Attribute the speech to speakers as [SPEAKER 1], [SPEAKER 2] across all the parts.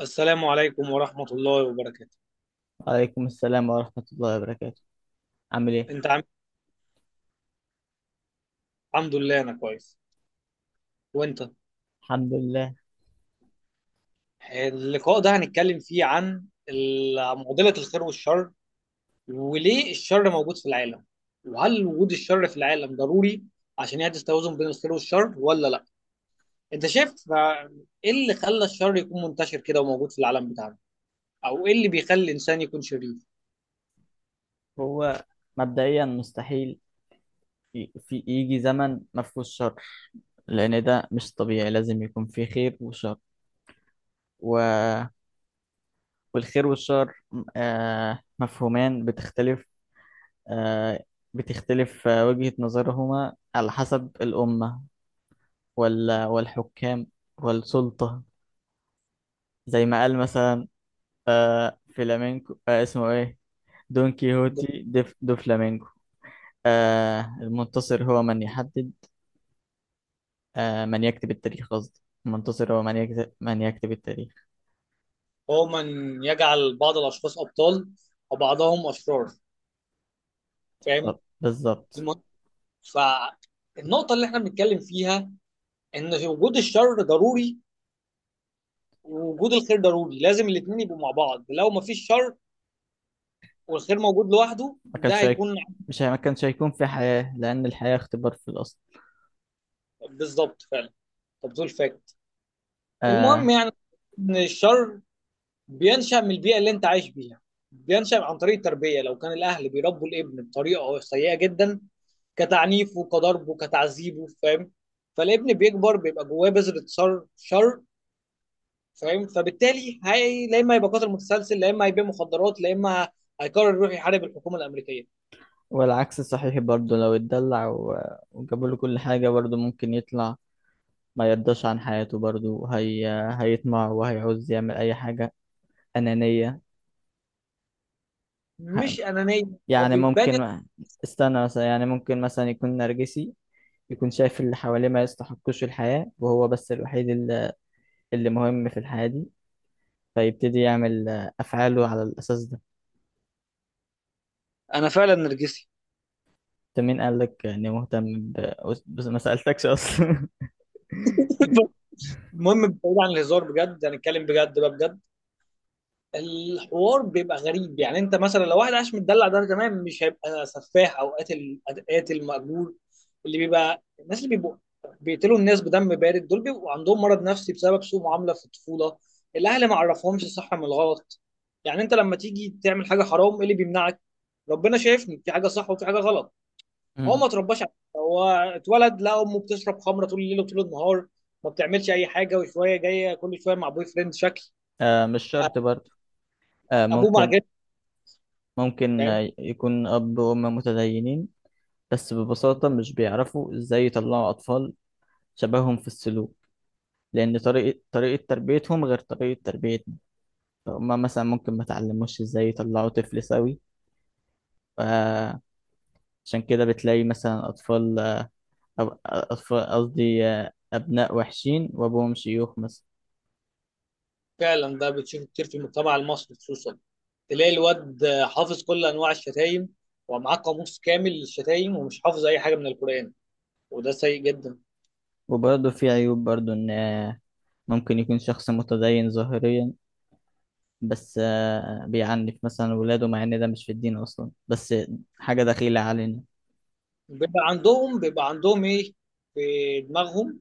[SPEAKER 1] السلام عليكم ورحمة الله وبركاته.
[SPEAKER 2] عليكم السلام ورحمة الله وبركاته. عامل ايه؟
[SPEAKER 1] انت عامل إيه؟ الحمد لله انا كويس. وانت؟
[SPEAKER 2] الحمد لله.
[SPEAKER 1] اللقاء ده هنتكلم فيه عن معضلة الخير والشر، وليه الشر موجود في العالم، وهل وجود الشر في العالم ضروري عشان يحدث توازن بين الخير والشر ولا لا. انت شايف ايه اللي خلى الشر يكون منتشر كده وموجود في العالم بتاعنا، او ايه اللي بيخلي الانسان يكون شرير؟
[SPEAKER 2] هو مبدئيا مستحيل، في يجي زمن ما فيهوش شر، لأن ده مش طبيعي، لازم يكون فيه خير وشر. و... والخير والشر مفهومان آه بتختلف، وجهة نظرهما على حسب الأمة والحكام والسلطة. زي ما قال مثلا فلامينكو، اسمه ايه؟ دون كيهوتي دو فلامينكو. المنتصر هو من يحدد، من يكتب التاريخ، قصدي المنتصر هو من يكتب التاريخ.
[SPEAKER 1] هو من يجعل بعض الاشخاص ابطال وبعضهم اشرار. فاهم؟
[SPEAKER 2] طب بالظبط.
[SPEAKER 1] فالنقطة اللي احنا بنتكلم فيها ان في وجود الشر ضروري ووجود الخير ضروري، لازم الاتنين يبقوا مع بعض. لو ما فيش شر والخير موجود لوحده
[SPEAKER 2] ما
[SPEAKER 1] ده
[SPEAKER 2] كانش هيك...
[SPEAKER 1] هيكون.
[SPEAKER 2] ما كانش هيكون في حياة، لأن الحياة اختبار في الأصل.
[SPEAKER 1] بالظبط فعلا. طب دول فاكت. المهم
[SPEAKER 2] آه.
[SPEAKER 1] يعني ان الشر بينشأ من البيئة اللي انت عايش بيها، بينشأ عن طريق التربية. لو كان الاهل بيربوا الابن بطريقة سيئة جدا، كتعنيفه كضربه كتعذيبه، فاهم؟ فالابن بيكبر بيبقى جواه بذرة شر. فاهم؟ فبالتالي هي لا اما يبقى قاتل متسلسل، لا اما هيبيع مخدرات، لا اما هيقرر يروح يحارب الحكومه الامريكيه.
[SPEAKER 2] والعكس صحيح برضه، لو اتدلع وجابوا له كل حاجة برضه ممكن يطلع ما يرضاش عن حياته برضه، هيطمع وهيعوز يعمل أي حاجة. أنانية. ه-
[SPEAKER 1] مش انانيه. هو
[SPEAKER 2] يعني
[SPEAKER 1] بيبان.
[SPEAKER 2] ممكن. استنى، مثلا يعني ممكن مثلا يكون نرجسي، يكون شايف اللي حواليه ما يستحقوش الحياة وهو بس الوحيد اللي مهم في الحياة دي، فيبتدي يعمل أفعاله على الأساس ده.
[SPEAKER 1] انا فعلا نرجسي.
[SPEAKER 2] أنت مين قال لك إني مهتم؟ ب... بس ما سألتكش أصلا.
[SPEAKER 1] المهم، بعيد عن الهزار بجد، هنتكلم بجد بقى، بجد. الحوار بيبقى غريب. يعني انت مثلا لو واحد عايش متدلع ده تمام، مش هيبقى سفاح او قاتل، قاتل مأجور. اللي بيبقى الناس اللي بيبقوا بيقتلوا الناس بدم بارد، دول بيبقوا عندهم مرض نفسي بسبب سوء معاملة في الطفولة. الاهل ما عرفهمش الصح من الغلط. يعني انت لما تيجي تعمل حاجة حرام ايه اللي بيمنعك؟ ربنا شايفني في حاجة صح وفي حاجة غلط. هو
[SPEAKER 2] مم.
[SPEAKER 1] ما اترباش على كده. هو اتولد لا امه بتشرب خمرة طول الليل وطول النهار، ما بتعملش اي حاجة، وشوية جاية كل شوية مع بوي فريند شكل.
[SPEAKER 2] آه، مش شرط
[SPEAKER 1] أ-
[SPEAKER 2] برضه. آه،
[SPEAKER 1] ابوه مع
[SPEAKER 2] ممكن.
[SPEAKER 1] جد.
[SPEAKER 2] ممكن
[SPEAKER 1] فاهم؟
[SPEAKER 2] يكون أب وأم متدينين، بس ببساطة مش بيعرفوا إزاي يطلعوا أطفال شبههم في السلوك، لأن طريقة تربيتهم غير طريقة تربيتنا. فهم مثلا ممكن ما تعلموش إزاي يطلعوا طفل سوي، عشان كده بتلاقي مثلا أطفال، أطفال قصدي أبناء وحشين وأبوهم شيوخ مثلا.
[SPEAKER 1] فعلا ده بتشوفه كتير في المجتمع المصري خصوصا. تلاقي الواد حافظ كل انواع الشتايم ومعاه قاموس كامل للشتايم ومش حافظ اي حاجه من القران. وده سيء جدا.
[SPEAKER 2] وبرضه في عيوب برضه، إن ممكن يكون شخص متدين ظاهريا، بس بيعنف مثلا ولاده، مع إن ده مش في الدين أصلا، بس حاجة دخيلة علينا.
[SPEAKER 1] بيبقى عندهم ايه في دماغهم؟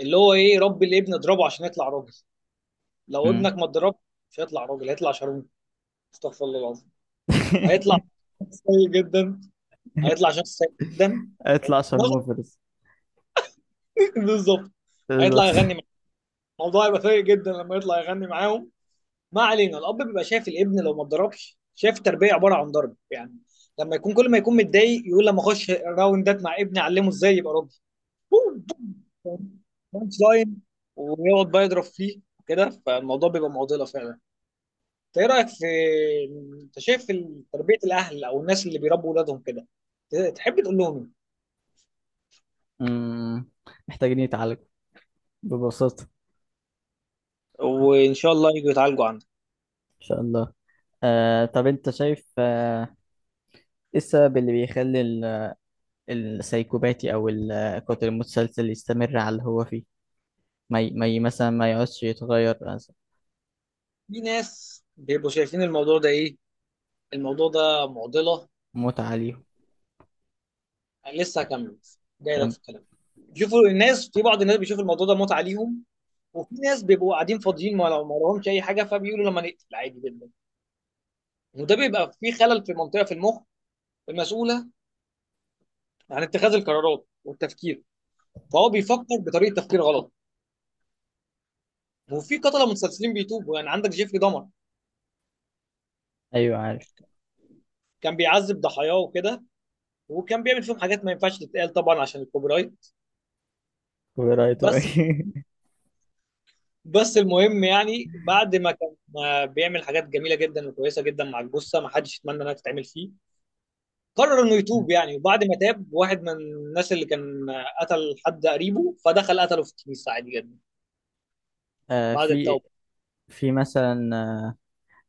[SPEAKER 1] اللي هو ايه، ربي الابن اضربه عشان يطلع راجل. لو
[SPEAKER 2] مم.
[SPEAKER 1] ابنك ما اتضربش مش هيطلع راجل، هيطلع شرموف. استغفر الله العظيم. هيطلع سيء جدا، هيطلع شخص سيء جدا.
[SPEAKER 2] اطلع شرموفرز.
[SPEAKER 1] بالظبط. هيطلع
[SPEAKER 2] بالظبط.
[SPEAKER 1] يغني معاهم. الموضوع هيبقى سيء جدا لما يطلع يغني معاهم. ما علينا. الاب بيبقى شايف الابن لو ما اتضربش، شايف التربيه عباره عن ضرب يعني. لما يكون كل ما يكون متضايق يقول لما اخش راوندات مع ابني اعلمه ازاي يبقى راجل. بوم، بوم، بانش لاين. ويقعد بقى يضرب فيه كده. فالموضوع بيبقى معضله فعلا. انت ايه رايك في، انت شايف تربيه الاهل او الناس اللي بيربوا اولادهم كده تحب تقول لهم
[SPEAKER 2] مم. محتاجين يتعالجوا، ببساطة.
[SPEAKER 1] ايه؟
[SPEAKER 2] إن
[SPEAKER 1] وان شاء الله يجوا يتعالجوا عندك.
[SPEAKER 2] شاء الله. آه، طب أنت شايف إيه السبب اللي بيخلي السايكوباتي او القاتل المتسلسل يستمر على اللي هو فيه؟ ما ي... ما ي... مثلا ما يقعدش يتغير مثلا؟
[SPEAKER 1] في ناس بيبقوا شايفين الموضوع ده ايه، الموضوع ده معضله.
[SPEAKER 2] متعة ليهم.
[SPEAKER 1] لسه هكمل، جاي لك
[SPEAKER 2] كم.
[SPEAKER 1] في الكلام. شوفوا الناس، في بعض الناس بيشوف الموضوع ده متعه ليهم. وفي ناس بيبقوا قاعدين فاضيين ما لهمش اي حاجه، فبيقولوا لما نقتل عادي جدا. وده بيبقى فيه خلل في منطقه في المخ المسؤوله عن اتخاذ القرارات والتفكير. فهو بيفكر بطريقه تفكير غلط. وفي قتله متسلسلين بيتوبوا، يعني عندك جيفري دمر
[SPEAKER 2] ايوه، عارف.
[SPEAKER 1] كان بيعذب ضحاياه وكده. وكان بيعمل فيهم حاجات ما ينفعش تتقال طبعا عشان الكوبي رايت.
[SPEAKER 2] كوبي رايت
[SPEAKER 1] بس
[SPEAKER 2] وإيه.
[SPEAKER 1] بس المهم يعني، بعد ما كان ما بيعمل حاجات جميله جدا وكويسه جدا مع الجثه ما حدش يتمنى انها تتعمل فيه، قرر انه يتوب يعني. وبعد ما تاب، واحد من الناس اللي كان قتل حد قريبه، فدخل قتله في الكنيسه عادي جدا
[SPEAKER 2] آه
[SPEAKER 1] بعد
[SPEAKER 2] في
[SPEAKER 1] التوبه.
[SPEAKER 2] في مثلا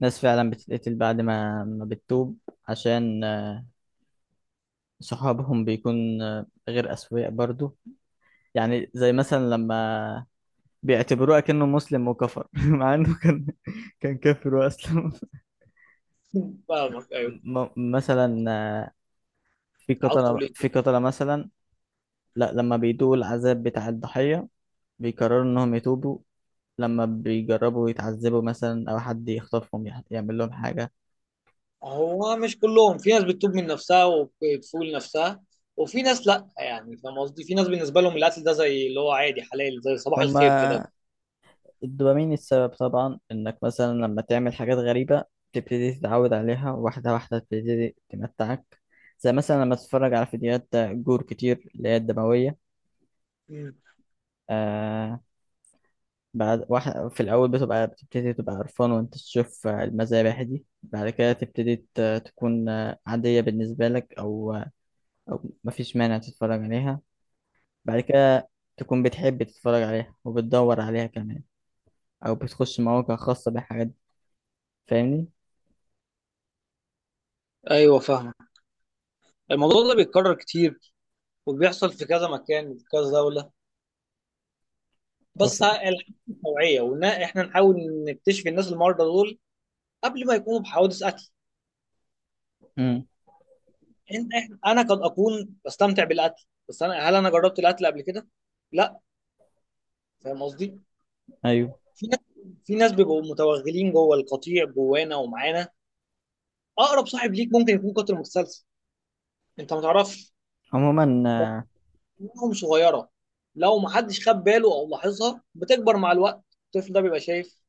[SPEAKER 2] ناس فعلا بتتقتل بعد ما بتتوب، عشان صحابهم بيكون غير أسوياء برضو. يعني زي مثلا لما بيعتبروه كأنه مسلم وكفر مع انه كان كافر واسلم.
[SPEAKER 1] فاهمك؟ ايوه،
[SPEAKER 2] مثلا
[SPEAKER 1] عاوز تقول ايه؟
[SPEAKER 2] في قتلة مثلا. لا، لما بيدوقوا العذاب بتاع الضحية بيقرروا إنهم يتوبوا، لما بيجربوا يتعذبوا مثلا أو حد يخطفهم يعمل لهم حاجة.
[SPEAKER 1] هو مش كلهم، في ناس بتتوب من نفسها وبتفول نفسها، وفي ناس لا. يعني فاهم قصدي؟ في ناس بالنسبه لهم القتل ده زي اللي هو عادي حلال زي صباح الخير كده.
[SPEAKER 2] هما الدوبامين السبب طبعا، إنك مثلا لما تعمل حاجات غريبة تبتدي تتعود عليها واحدة واحدة، تبتدي تمتعك. زي مثلا لما تتفرج على فيديوهات جور كتير اللي هي الدموية،
[SPEAKER 1] مم.
[SPEAKER 2] آه بعد واحد في الأول بتبقى بتبتدي تبقى قرفان وأنت تشوف المذابح دي، بعد كده تبتدي تكون عادية بالنسبة لك، أو مفيش مانع تتفرج عليها، بعد كده تكون بتحب تتفرج عليها وبتدور عليها كمان، أو بتخش مواقع خاصة بالحاجات دي. فاهمني؟
[SPEAKER 1] ايوه فاهمك. الموضوع ده بيتكرر كتير وبيحصل في كذا مكان في كذا دولة.
[SPEAKER 2] وف...
[SPEAKER 1] بس الحاجة توعية، وإن إحنا نحاول نكتشف الناس المرضى دول قبل ما يكونوا بحوادث قتل.
[SPEAKER 2] مم.
[SPEAKER 1] إن إحنا أنا قد أكون بستمتع بالقتل، بس أنا هل أنا جربت القتل قبل كده؟ لا. فاهم قصدي؟
[SPEAKER 2] أيوه.
[SPEAKER 1] في ناس في ناس بيبقوا متوغلين جوه القطيع جوانا ومعانا. أقرب صاحب ليك ممكن يكون قاتل متسلسل، أنت ما تعرفش.
[SPEAKER 2] عموما
[SPEAKER 1] بس دماغهم صغيرة، لو ما حدش خد باله أو لاحظها بتكبر مع الوقت. الطفل ده بيبقى شايف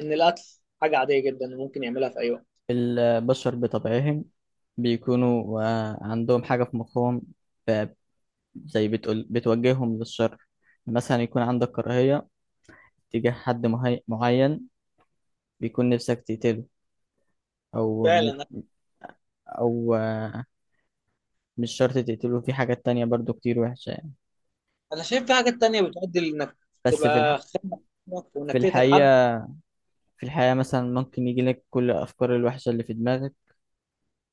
[SPEAKER 1] إن القتل حاجة عادية جدا وممكن يعملها في أي وقت.
[SPEAKER 2] البشر بطبعهم بيكونوا عندهم حاجة في مخهم، ف- زي بتقول بتوجههم للشر. مثلا يكون عندك كراهية تجاه حد معين، بيكون نفسك تقتله، أو م-
[SPEAKER 1] فعلا.
[SPEAKER 2] أو مش شرط تقتله، في حاجات تانية برضو كتير وحشة يعني.
[SPEAKER 1] انا شايف في حاجات تانية بتؤدي لانك
[SPEAKER 2] بس
[SPEAKER 1] تبقى خانق وانك
[SPEAKER 2] في
[SPEAKER 1] تقتل حد.
[SPEAKER 2] الحقيقة مثلا ممكن يجي لك كل الأفكار الوحشة اللي في دماغك،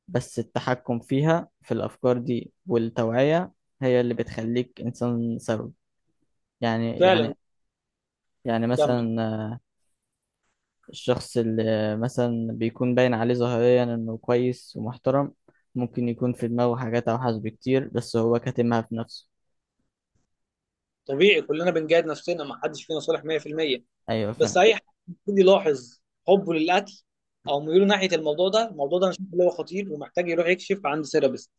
[SPEAKER 2] بس التحكم فيها في الأفكار دي والتوعية هي اللي بتخليك إنسان سوي. يعني
[SPEAKER 1] فعلا. كمل.
[SPEAKER 2] مثلا الشخص اللي مثلا بيكون باين عليه ظاهريا إنه كويس ومحترم، ممكن يكون في دماغه حاجات أوحش بكتير بس هو كاتمها في نفسه.
[SPEAKER 1] طبيعي كلنا بنجاهد نفسنا، ما حدش فينا صالح 100%.
[SPEAKER 2] أيوة،
[SPEAKER 1] بس
[SPEAKER 2] فاهم.
[SPEAKER 1] اي حد يبتدي يلاحظ حبه للقتل او ميوله ناحيه الموضوع ده، الموضوع ده انا شايف اللي هو خطير ومحتاج يروح يكشف عند سيرابيست.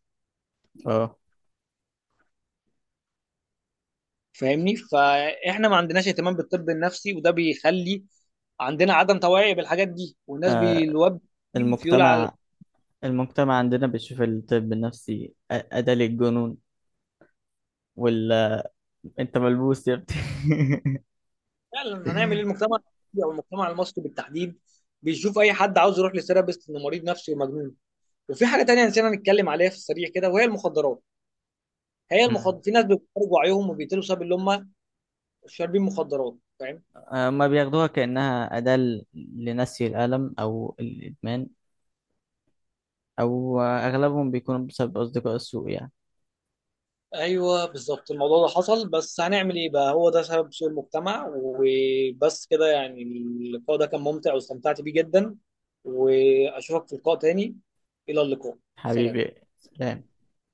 [SPEAKER 2] أه.
[SPEAKER 1] فاهمني؟ فاحنا ما عندناش اهتمام بالطب النفسي، وده بيخلي عندنا عدم توعي بالحاجات دي، والناس
[SPEAKER 2] آه،
[SPEAKER 1] بيلوب فيول على.
[SPEAKER 2] المجتمع المجتمع عندنا بيشوف الطب النفسي أداة للجنون، وال انت ملبوس يا ابني.
[SPEAKER 1] فعلا هنعمل ايه؟ المجتمع المصري او المجتمع المصري بالتحديد بيشوف اي حد عاوز يروح لثيرابيست انه مريض نفسي ومجنون. وفي حاجه تانية نسينا نتكلم عليها في السريع كده وهي المخدرات. هي
[SPEAKER 2] مم.
[SPEAKER 1] المخدرات، في ناس بيخرجوا وعيهم وبيقتلوا بسبب اللي هم شاربين مخدرات. فاهم؟
[SPEAKER 2] ما بياخدوها كأنها أداة لنسي الألم أو الإدمان، أو أغلبهم بيكونوا بسبب أصدقاء السوء يعني.
[SPEAKER 1] ايوه بالظبط، الموضوع ده حصل. بس هنعمل ايه بقى، هو ده سبب سوء المجتمع. وبس كده يعني، اللقاء ده كان ممتع واستمتعت بيه جدا. واشوفك في لقاء تاني. الى اللقاء. سلام.
[SPEAKER 2] حبيبي. سلام.